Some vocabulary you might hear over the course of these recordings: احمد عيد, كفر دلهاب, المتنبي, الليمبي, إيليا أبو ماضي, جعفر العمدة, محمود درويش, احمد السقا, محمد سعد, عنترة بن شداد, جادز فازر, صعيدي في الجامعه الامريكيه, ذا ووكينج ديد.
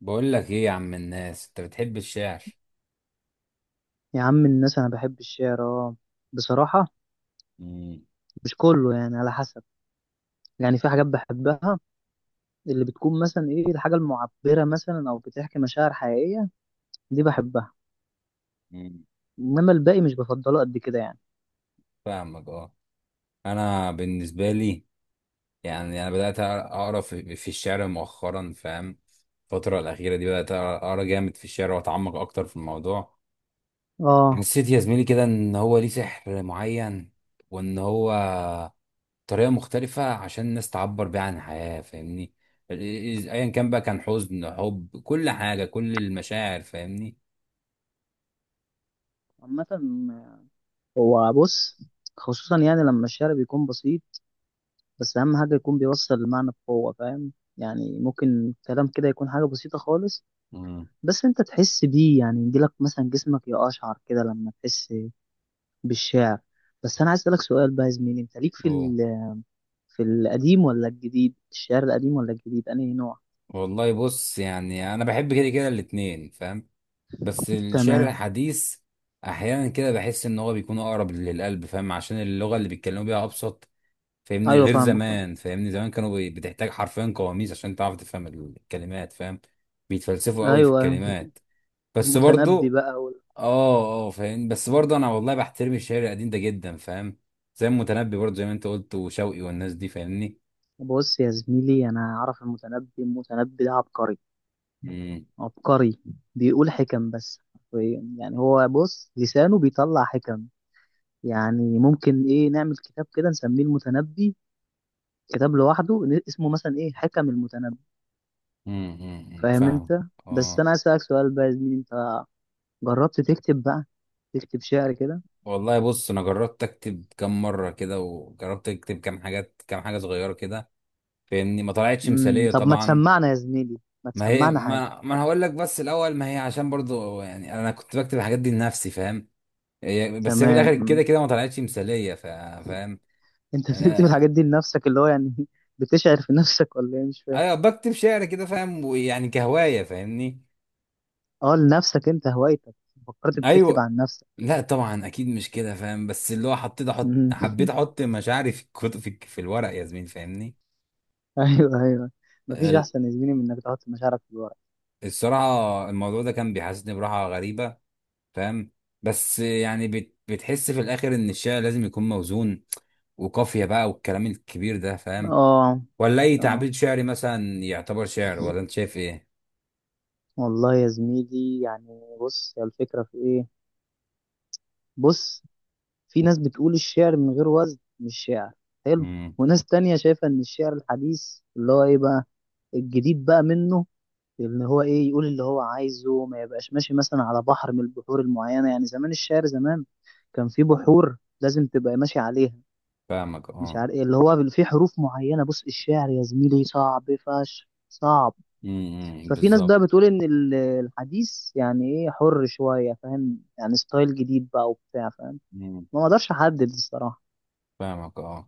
بقول لك ايه يا عم الناس، انت بتحب الشعر؟ يا عم الناس انا بحب الشعر اه. بصراحه مم. مش كله، يعني على حسب. يعني في حاجات بحبها، اللي بتكون مثلا ايه، الحاجه المعبره مثلا او بتحكي مشاعر حقيقيه، دي بحبها. مم. انما الباقي مش بفضله قد كده يعني. فاهمك اه. انا بالنسبه لي، يعني انا بدات اقرا في الشعر مؤخرا، فاهم؟ الفتره الاخيره دي بدات اقرا جامد في الشعر واتعمق اكتر في الموضوع. اه حسيت يا زميلي كده ان هو ليه سحر معين، وان هو طريقه مختلفه عشان الناس تعبر بيها عن الحياه، فاهمني؟ ال- ايا كان بقى، كان حزن، حب، كل حاجه، كل المشاعر، فاهمني؟ عامه، هو بص، خصوصا يعني لما الشعر بيكون بسيط، بس اهم حاجه يكون بيوصل المعنى بقوه، فاهم؟ يعني ممكن كلام كده يكون حاجه بسيطه خالص، مم. بس انت تحس بيه، يعني يجيلك مثلا جسمك يقشعر كده لما تحس بالشعر. بس انا عايز اسالك سؤال بقى يا زميلي، انت ليك في اه. في القديم ولا الجديد؟ الشعر القديم ولا الجديد، انهي نوع؟ والله بص، يعني انا بحب كده كده الاتنين، فاهم؟ بس الشعر تمام. الحديث احيانا كده بحس ان هو بيكون اقرب للقلب، فاهم؟ عشان اللغه اللي بيتكلموا بيها ابسط، فاهمني؟ ايوه، غير فاهمك فاهم. زمان، فاهمني؟ زمان كانوا بتحتاج حرفيا قواميس عشان تعرف تفهم الكلمات، فاهم؟ بيتفلسفوا قوي في ايوه، الكلمات، بس المتنبي برضو. بقى وال... اه، اه، فاهم. بس برضو انا والله بحترم الشعر القديم ده جدا، فاهم؟ زي المتنبي، برضو زي ما انت قلت، وشوقي والناس دي، فاهمني؟ بص يا زميلي، انا اعرف المتنبي. المتنبي ده عبقري، امم، عبقري. بيقول حكم بس حرفياً. يعني هو بص، لسانه بيطلع حكم. يعني ممكن ايه، نعمل كتاب كده نسميه المتنبي، كتاب لوحده اسمه مثلا ايه، حكم المتنبي. امم، أمم، أمم، فاهم فاهم. انت؟ بس اه. انا عايز اسالك سؤال بقى يا زميلي، انت جربت تكتب بقى، تكتب شعر كده؟ والله بص، انا جربت اكتب كام مره كده، وجربت اكتب كام حاجه صغيره كده، فاهمني؟ ما طلعتش امم، مثاليه طب ما طبعا. تسمعنا يا زميلي، ما ما هي تسمعنا حاجة. ما انا هقول لك بس الاول. ما هي عشان برضو يعني انا كنت بكتب الحاجات دي لنفسي، فاهم؟ بس هي في تمام الاخر كده كده ما طلعتش مثاليه، فاهم؟ انت بتكتب آه، الحاجات دي لنفسك، اللي هو يعني بتشعر في نفسك ولا ايه، مش فاهم. ايوه، بكتب شعر كده، فاهم؟ ويعني كهوايه، فاهمني؟ اه، لنفسك انت، هوايتك. فكرت بتكتب ايوه. عن نفسك؟ لا طبعا، اكيد مش كده، فاهم؟ بس اللي هو حطيت احط مم. حبيت احط مشاعري في الكتب، في الورق، يا زميل، فاهمني؟ ايوه ايوه. مفيش احسن يا زميلي من انك تحط مشاعرك في الورق. الصراحة الموضوع ده كان بيحسسني براحة غريبة، فاهم؟ بس يعني بتحس في الآخر إن الشعر لازم يكون موزون وقافية بقى والكلام الكبير ده، فاهم؟ اه ولا أي اه. تعبير شعري مثلا يعتبر شعر، ولا أنت شايف إيه؟ والله يا زميلي، يعني بص، هي الفكرة في ايه. بص، في ناس بتقول الشعر من غير وزن مش شعر، حلو. امم، وناس تانية شايفة ان الشعر الحديث اللي هو ايه بقى، الجديد بقى منه، اللي هو ايه، يقول اللي هو عايزه، ما يبقاش ماشي مثلا على بحر من البحور المعينة. يعني زمان الشعر، زمان كان في بحور لازم تبقى ماشي عليها، فاهمك مش أه. عارف ايه، اللي هو في حروف معينة. بص الشعر يا زميلي صعب فشخ، صعب. امم، ففي ناس بالظبط. بقى بتقول ان الحديث يعني ايه، حر شوية فاهم، يعني ستايل جديد بقى وبتاع، فاهم. امم، ما اقدرش احدد الصراحة. فاهمك أه.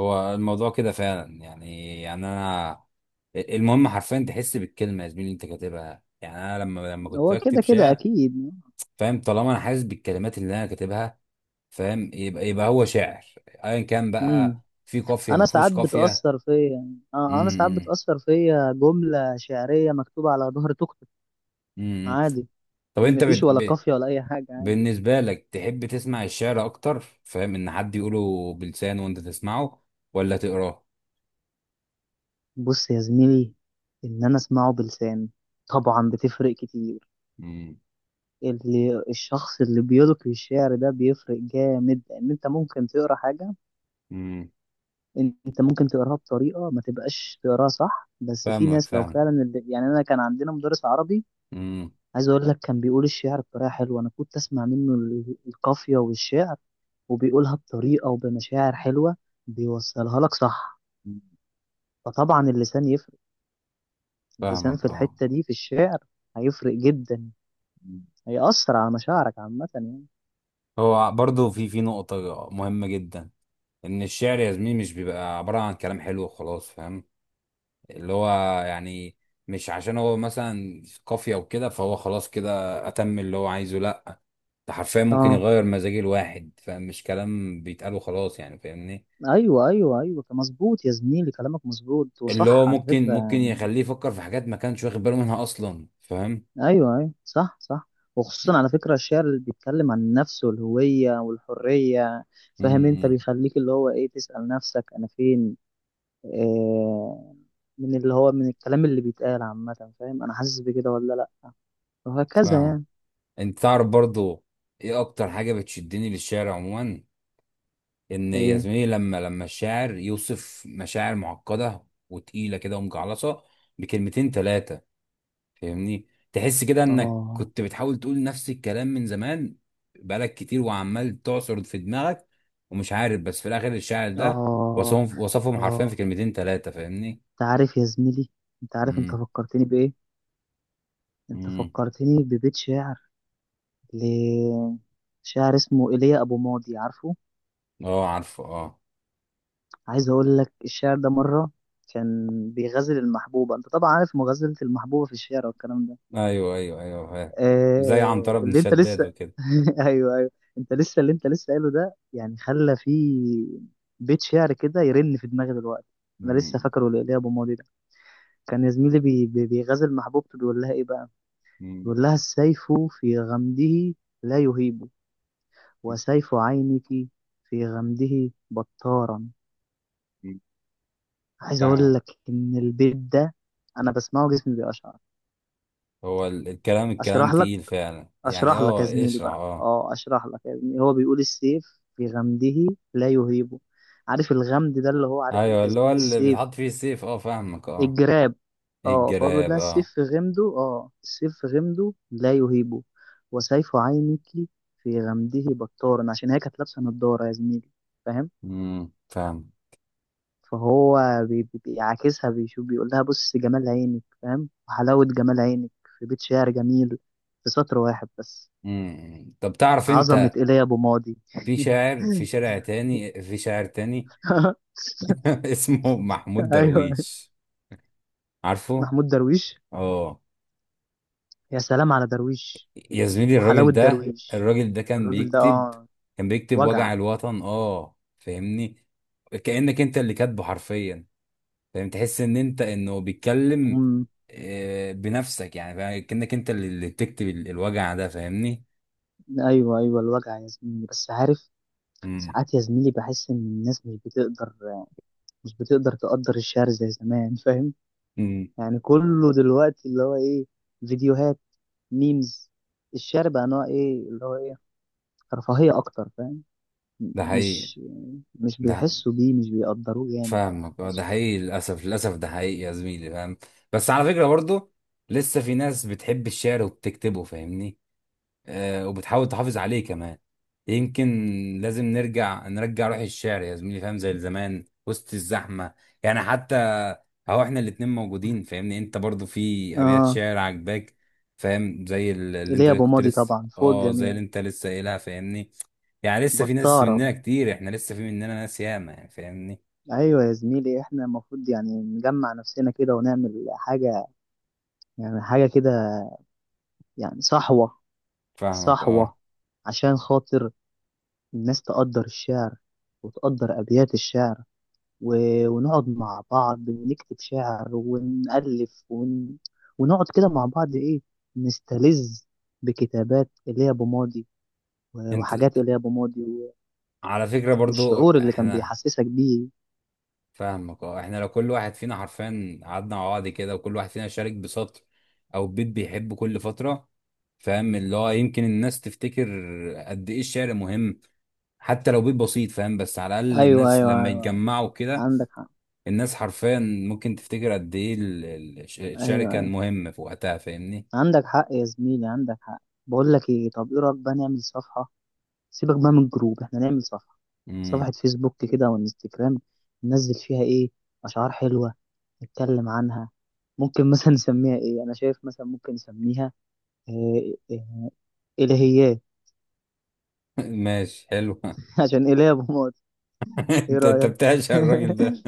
هو الموضوع كده فعلا يعني أنا، المهم حرفيا تحس بالكلمة يا زميلي اللي أنت كاتبها. يعني أنا لما كنت هو كده بكتب كده شعر، اكيد. فاهم، طالما أنا حاسس بالكلمات اللي أنا كاتبها، فاهم، يبقى هو شاعر، ايا كان امم. بقى، في قافيه انا ما فيهوش ساعات قافيه. بتاثر فيا، اه انا امم، ساعات امم، بتاثر فيا جمله شعريه مكتوبه على ظهر توك توك. إمم، إمم. عادي، طب انت مفيش ولا قافيه ولا اي حاجه، عادي. بالنسبه لك، تحب تسمع الشعر اكتر، فاهم؟ ان حد يقوله بلسانه وانت تسمعه، ولا تقراه؟ بص يا زميلي، ان انا اسمعه بلسان، طبعا بتفرق كتير. امم. اللي الشخص اللي بيلقي الشعر ده بيفرق جامد، لان انت ممكن تقرا حاجه، امم، انت ممكن تقراها بطريقه ما تبقاش تقراها صح. بس في فاهمك ناس لو فاهم. فعلا يعني انا كان عندنا مدرس عربي، امم، عايز اقول لك، كان بيقول الشعر بطريقه حلوه، انا كنت اسمع منه القافيه والشعر، وبيقولها بطريقه وبمشاعر حلوه، بيوصلها لك صح. فطبعا اللسان يفرق، اللسان فاهمك في اه. الحته دي في الشعر هيفرق جدا، مم. هيأثر على مشاعرك عامه يعني. هو برضو في نقطه مهمه جدا، ان الشعر يا زميلي مش بيبقى عباره عن كلام حلو وخلاص، فاهم؟ اللي هو يعني، مش عشان هو مثلا في قافية وكده فهو خلاص كده أتم اللي هو عايزه، لأ. ده حرفيا ممكن اه يغير مزاج الواحد، فمش كلام بيتقال وخلاص يعني، فاهمني؟ ايوه ايوه ايوه، مظبوط يا زميلي، كلامك مظبوط اللي وصح هو على ممكن فكره. يخليه يفكر في حاجات ما كانش واخد باله منها أصلا، فاهم؟ ايوه ايوه صح صح. وخصوصا على فكره الشعر اللي بيتكلم عن النفس والهويه والحريه، فاهم انت، امم، بيخليك اللي هو ايه، تسأل نفسك انا فين، آه، من اللي هو من الكلام اللي بيتقال عامة، فاهم، أنا حاسس بكده ولا لأ، وهكذا فاهم. يعني. انت تعرف برضو ايه اكتر حاجة بتشدني للشعر عموما؟ ان يا إيه؟ زميلي لما الشاعر يوصف مشاعر معقدة وتقيلة كده ومجعلصة بكلمتين تلاتة، فاهمني؟ تحس كده انك آه كنت بتحاول تقول نفس الكلام من زمان، بقالك كتير وعمال تعصر في دماغك ومش عارف، بس في الاخر الشاعر ده آه وصفهم، وصفهم حرفيا في آه، كلمتين ثلاثة، فاهمني؟ أنت عارف يا زميلي، أنت عارف أنت امم، فكرتني بإيه، أنت امم. فكرتني ببيت شعر ل- شاعر اسمه إيليا أبو ماضي، عارفه. اه، عارفه، اه. عايز أقول لك الشعر ده مرة، كان بيغزل المحبوبة، أنت طبعا عارف مغازلة المحبوبة في الشعر والكلام ده. ايوه، ايوه، ايوه، فاهم، زي عنترة آه بن اللي انت شداد لسه، وكده. ايوه ايوه. انت لسه، اللي انت لسه قايله ده يعني خلى فيه بيت شعر كده يرن في دماغي دلوقتي. انا لسه امم، فاكره ليا ابو ماضي ده، كان يا زميلي بي بي بيغازل محبوبته، بيقول لها ايه بقى، امم، بيقول لها: السيف في غمده لا يهيب، وسيف عينك في غمده بطارا. أمم. عايز اقول فاهم. لك ان البيت ده، انا بسمعه جسمي بيقشعر. هو الكلام اشرح لك، تقيل فعلا يعني، اشرح لك يا اه، زميلي اشرح، بقى، اه. اه اشرح لك يا زميلي، هو بيقول السيف في غمده لا يهيبه. عارف الغمد ده، اللي هو عارف انت ايوه، يا اللي هو زميلي، اللي السيف، بيتحط فيه السيف، اه، فاهمك اه. الجراب. إيه، اه، فهو بيقول الجلاب لها السيف اه. في غمده، اه السيف في غمده لا يهيبه، وسيف عينك في غمده بطارا، عشان هي كانت لابسه نضاره يا زميلي فاهم. امم، فاهم. فهو بيعاكسها، بيشوف بيقول لها بص جمال عينك فاهم، وحلاوة جمال عينك في بيت شعر جميل، في سطر واحد بس. مم. طب تعرف عظمة انت، إيليا أبو ماضي. في شاعر تاني، اسمه محمود ايوه، درويش، عارفه؟ محمود درويش، اه. يا سلام على درويش، يا زميلي، وحلاوة الراجل ده درويش. الراجل ده كان الراجل ده بيكتب اه، كان بيكتب وجع. وجع الوطن، اه فاهمني؟ كأنك انت اللي كاتبه حرفيا، فاهم؟ تحس ان انت انه بيتكلم، مم. آه، بنفسك يعني، فاهم؟ كأنك انت اللي بتكتب الوجع ده، فاهمني؟ ايوه ايوه الوجع يا زميلي، بس عارف مم. ساعات يا زميلي بحس ان الناس مش بتقدر، مش بتقدر تقدر الشعر زي زمان فاهم. مم. يعني كله دلوقتي اللي هو ايه، فيديوهات، ميمز. الشعر بقى نوع ايه، اللي هو ايه، رفاهية اكتر فاهم. ده حقيقي مش مش ده، بيحسوا بيه، مش بيقدروه جامد يعني فاهمك اه، ده أصلاً. حقيقي، للاسف، للاسف ده حقيقي يا زميلي، فاهم؟ بس على فكره برضه، لسه في ناس بتحب الشعر وبتكتبه، فاهمني؟ آه، وبتحاول تحافظ عليه كمان، يمكن. لازم نرجع روح الشعر يا زميلي، فاهم؟ زي زمان وسط الزحمه، يعني حتى اهو احنا الاتنين موجودين، فاهمني؟ انت برضه في ابيات اه شعر عجباك، فاهم، ليه، يا ابو ماضي طبعا فوق زي الجميع، اللي انت لسه قايلها، فاهمني؟ يعني لسه في ناس بطارة. مننا كتير، احنا لسه في مننا ناس ياما يعني، فاهمني؟ ايوه يا زميلي، احنا المفروض يعني نجمع نفسنا كده ونعمل حاجة، يعني حاجة كده، يعني صحوة، فاهمك اه. صحوة، عشان خاطر الناس تقدر الشعر، وتقدر ابيات الشعر، و… ونقعد مع بعض ونكتب شعر ونألف ون… ونقعد كده مع بعض ايه، نستلذ بكتابات ايليا ابو ماضي، انت، وحاجات ايليا ابو ماضي و… على فكرة برضو والشعور اللي كان احنا، بيحسسك بيه. فاهمك اه، احنا لو كل واحد فينا حرفيا قعدنا مع بعض كده، وكل واحد فينا شارك بسطر او بيت بيحبه كل فترة، فاهم، اللي هو يمكن الناس تفتكر قد ايه الشعر مهم، حتى لو بيت بسيط، فاهم، بس على الاقل ايوه الناس ايوه لما ايوه يتجمعوا كده، عندك حق. الناس حرفيا ممكن تفتكر قد ايه الشعر ايوه كان ايوه مهم في وقتها، فاهمني؟ عندك حق يا زميلي، عندك حق. بقول لك ايه، طب ايه رايك بقى نعمل صفحه، سيبك بقى من الجروب، احنا نعمل صفحه، صفحه امم. فيسبوك كده وانستجرام، ننزل فيها ايه، اشعار حلوه، نتكلم عنها. ممكن مثلا نسميها ايه، انا شايف مثلا ممكن نسميها إيه إيه، الهيات. ماشي حلو. عشان اله يا ابو مات. ايه انت رايك؟ بتعشق الراجل ده.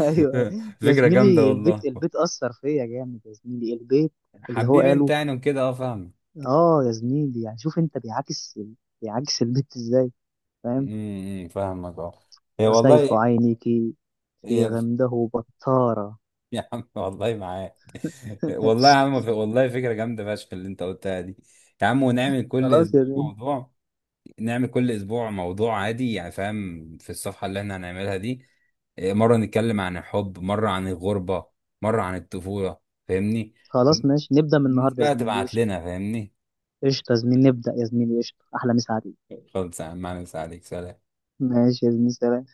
ايوه يا فكرة جامدة زميلي، البيت، والله. البيت اثر فيا جامد يا زميلي، البيت اللي هو حبيبي انت قاله. يعني وكده، اه فاهمك. اه يا زميلي يعني شوف انت، بيعكس، بيعكس البيت ازاي، فاهم، امم، فاهمك اه. هي وسيف والله. عينك في هي- غمده بطارة. يا عم والله معاك. والله يا ماشي. عم والله فكرة جامدة فشخ اللي انت قلتها دي. يا عم ونعمل كل خلاص يا اسبوع زميلي. موضوع، نعمل كل اسبوع موضوع عادي يعني، فاهم، في الصفحة اللي احنا هنعملها دي. اه، مرة نتكلم عن الحب، مرة عن الغربة، مرة عن الطفولة، فاهمني؟ خلاص ماشي نبدأ من والناس النهارده يا بقى زميلي، تبعت قشطة. لنا، فاهمني؟ قشطة يا زميلي، نبدأ يا زميلي، قشطة، أحلى مسا عليك. خلص يا عم، أهلا وسهلا عليك، سلام. ماشي يا زميلي، سلام.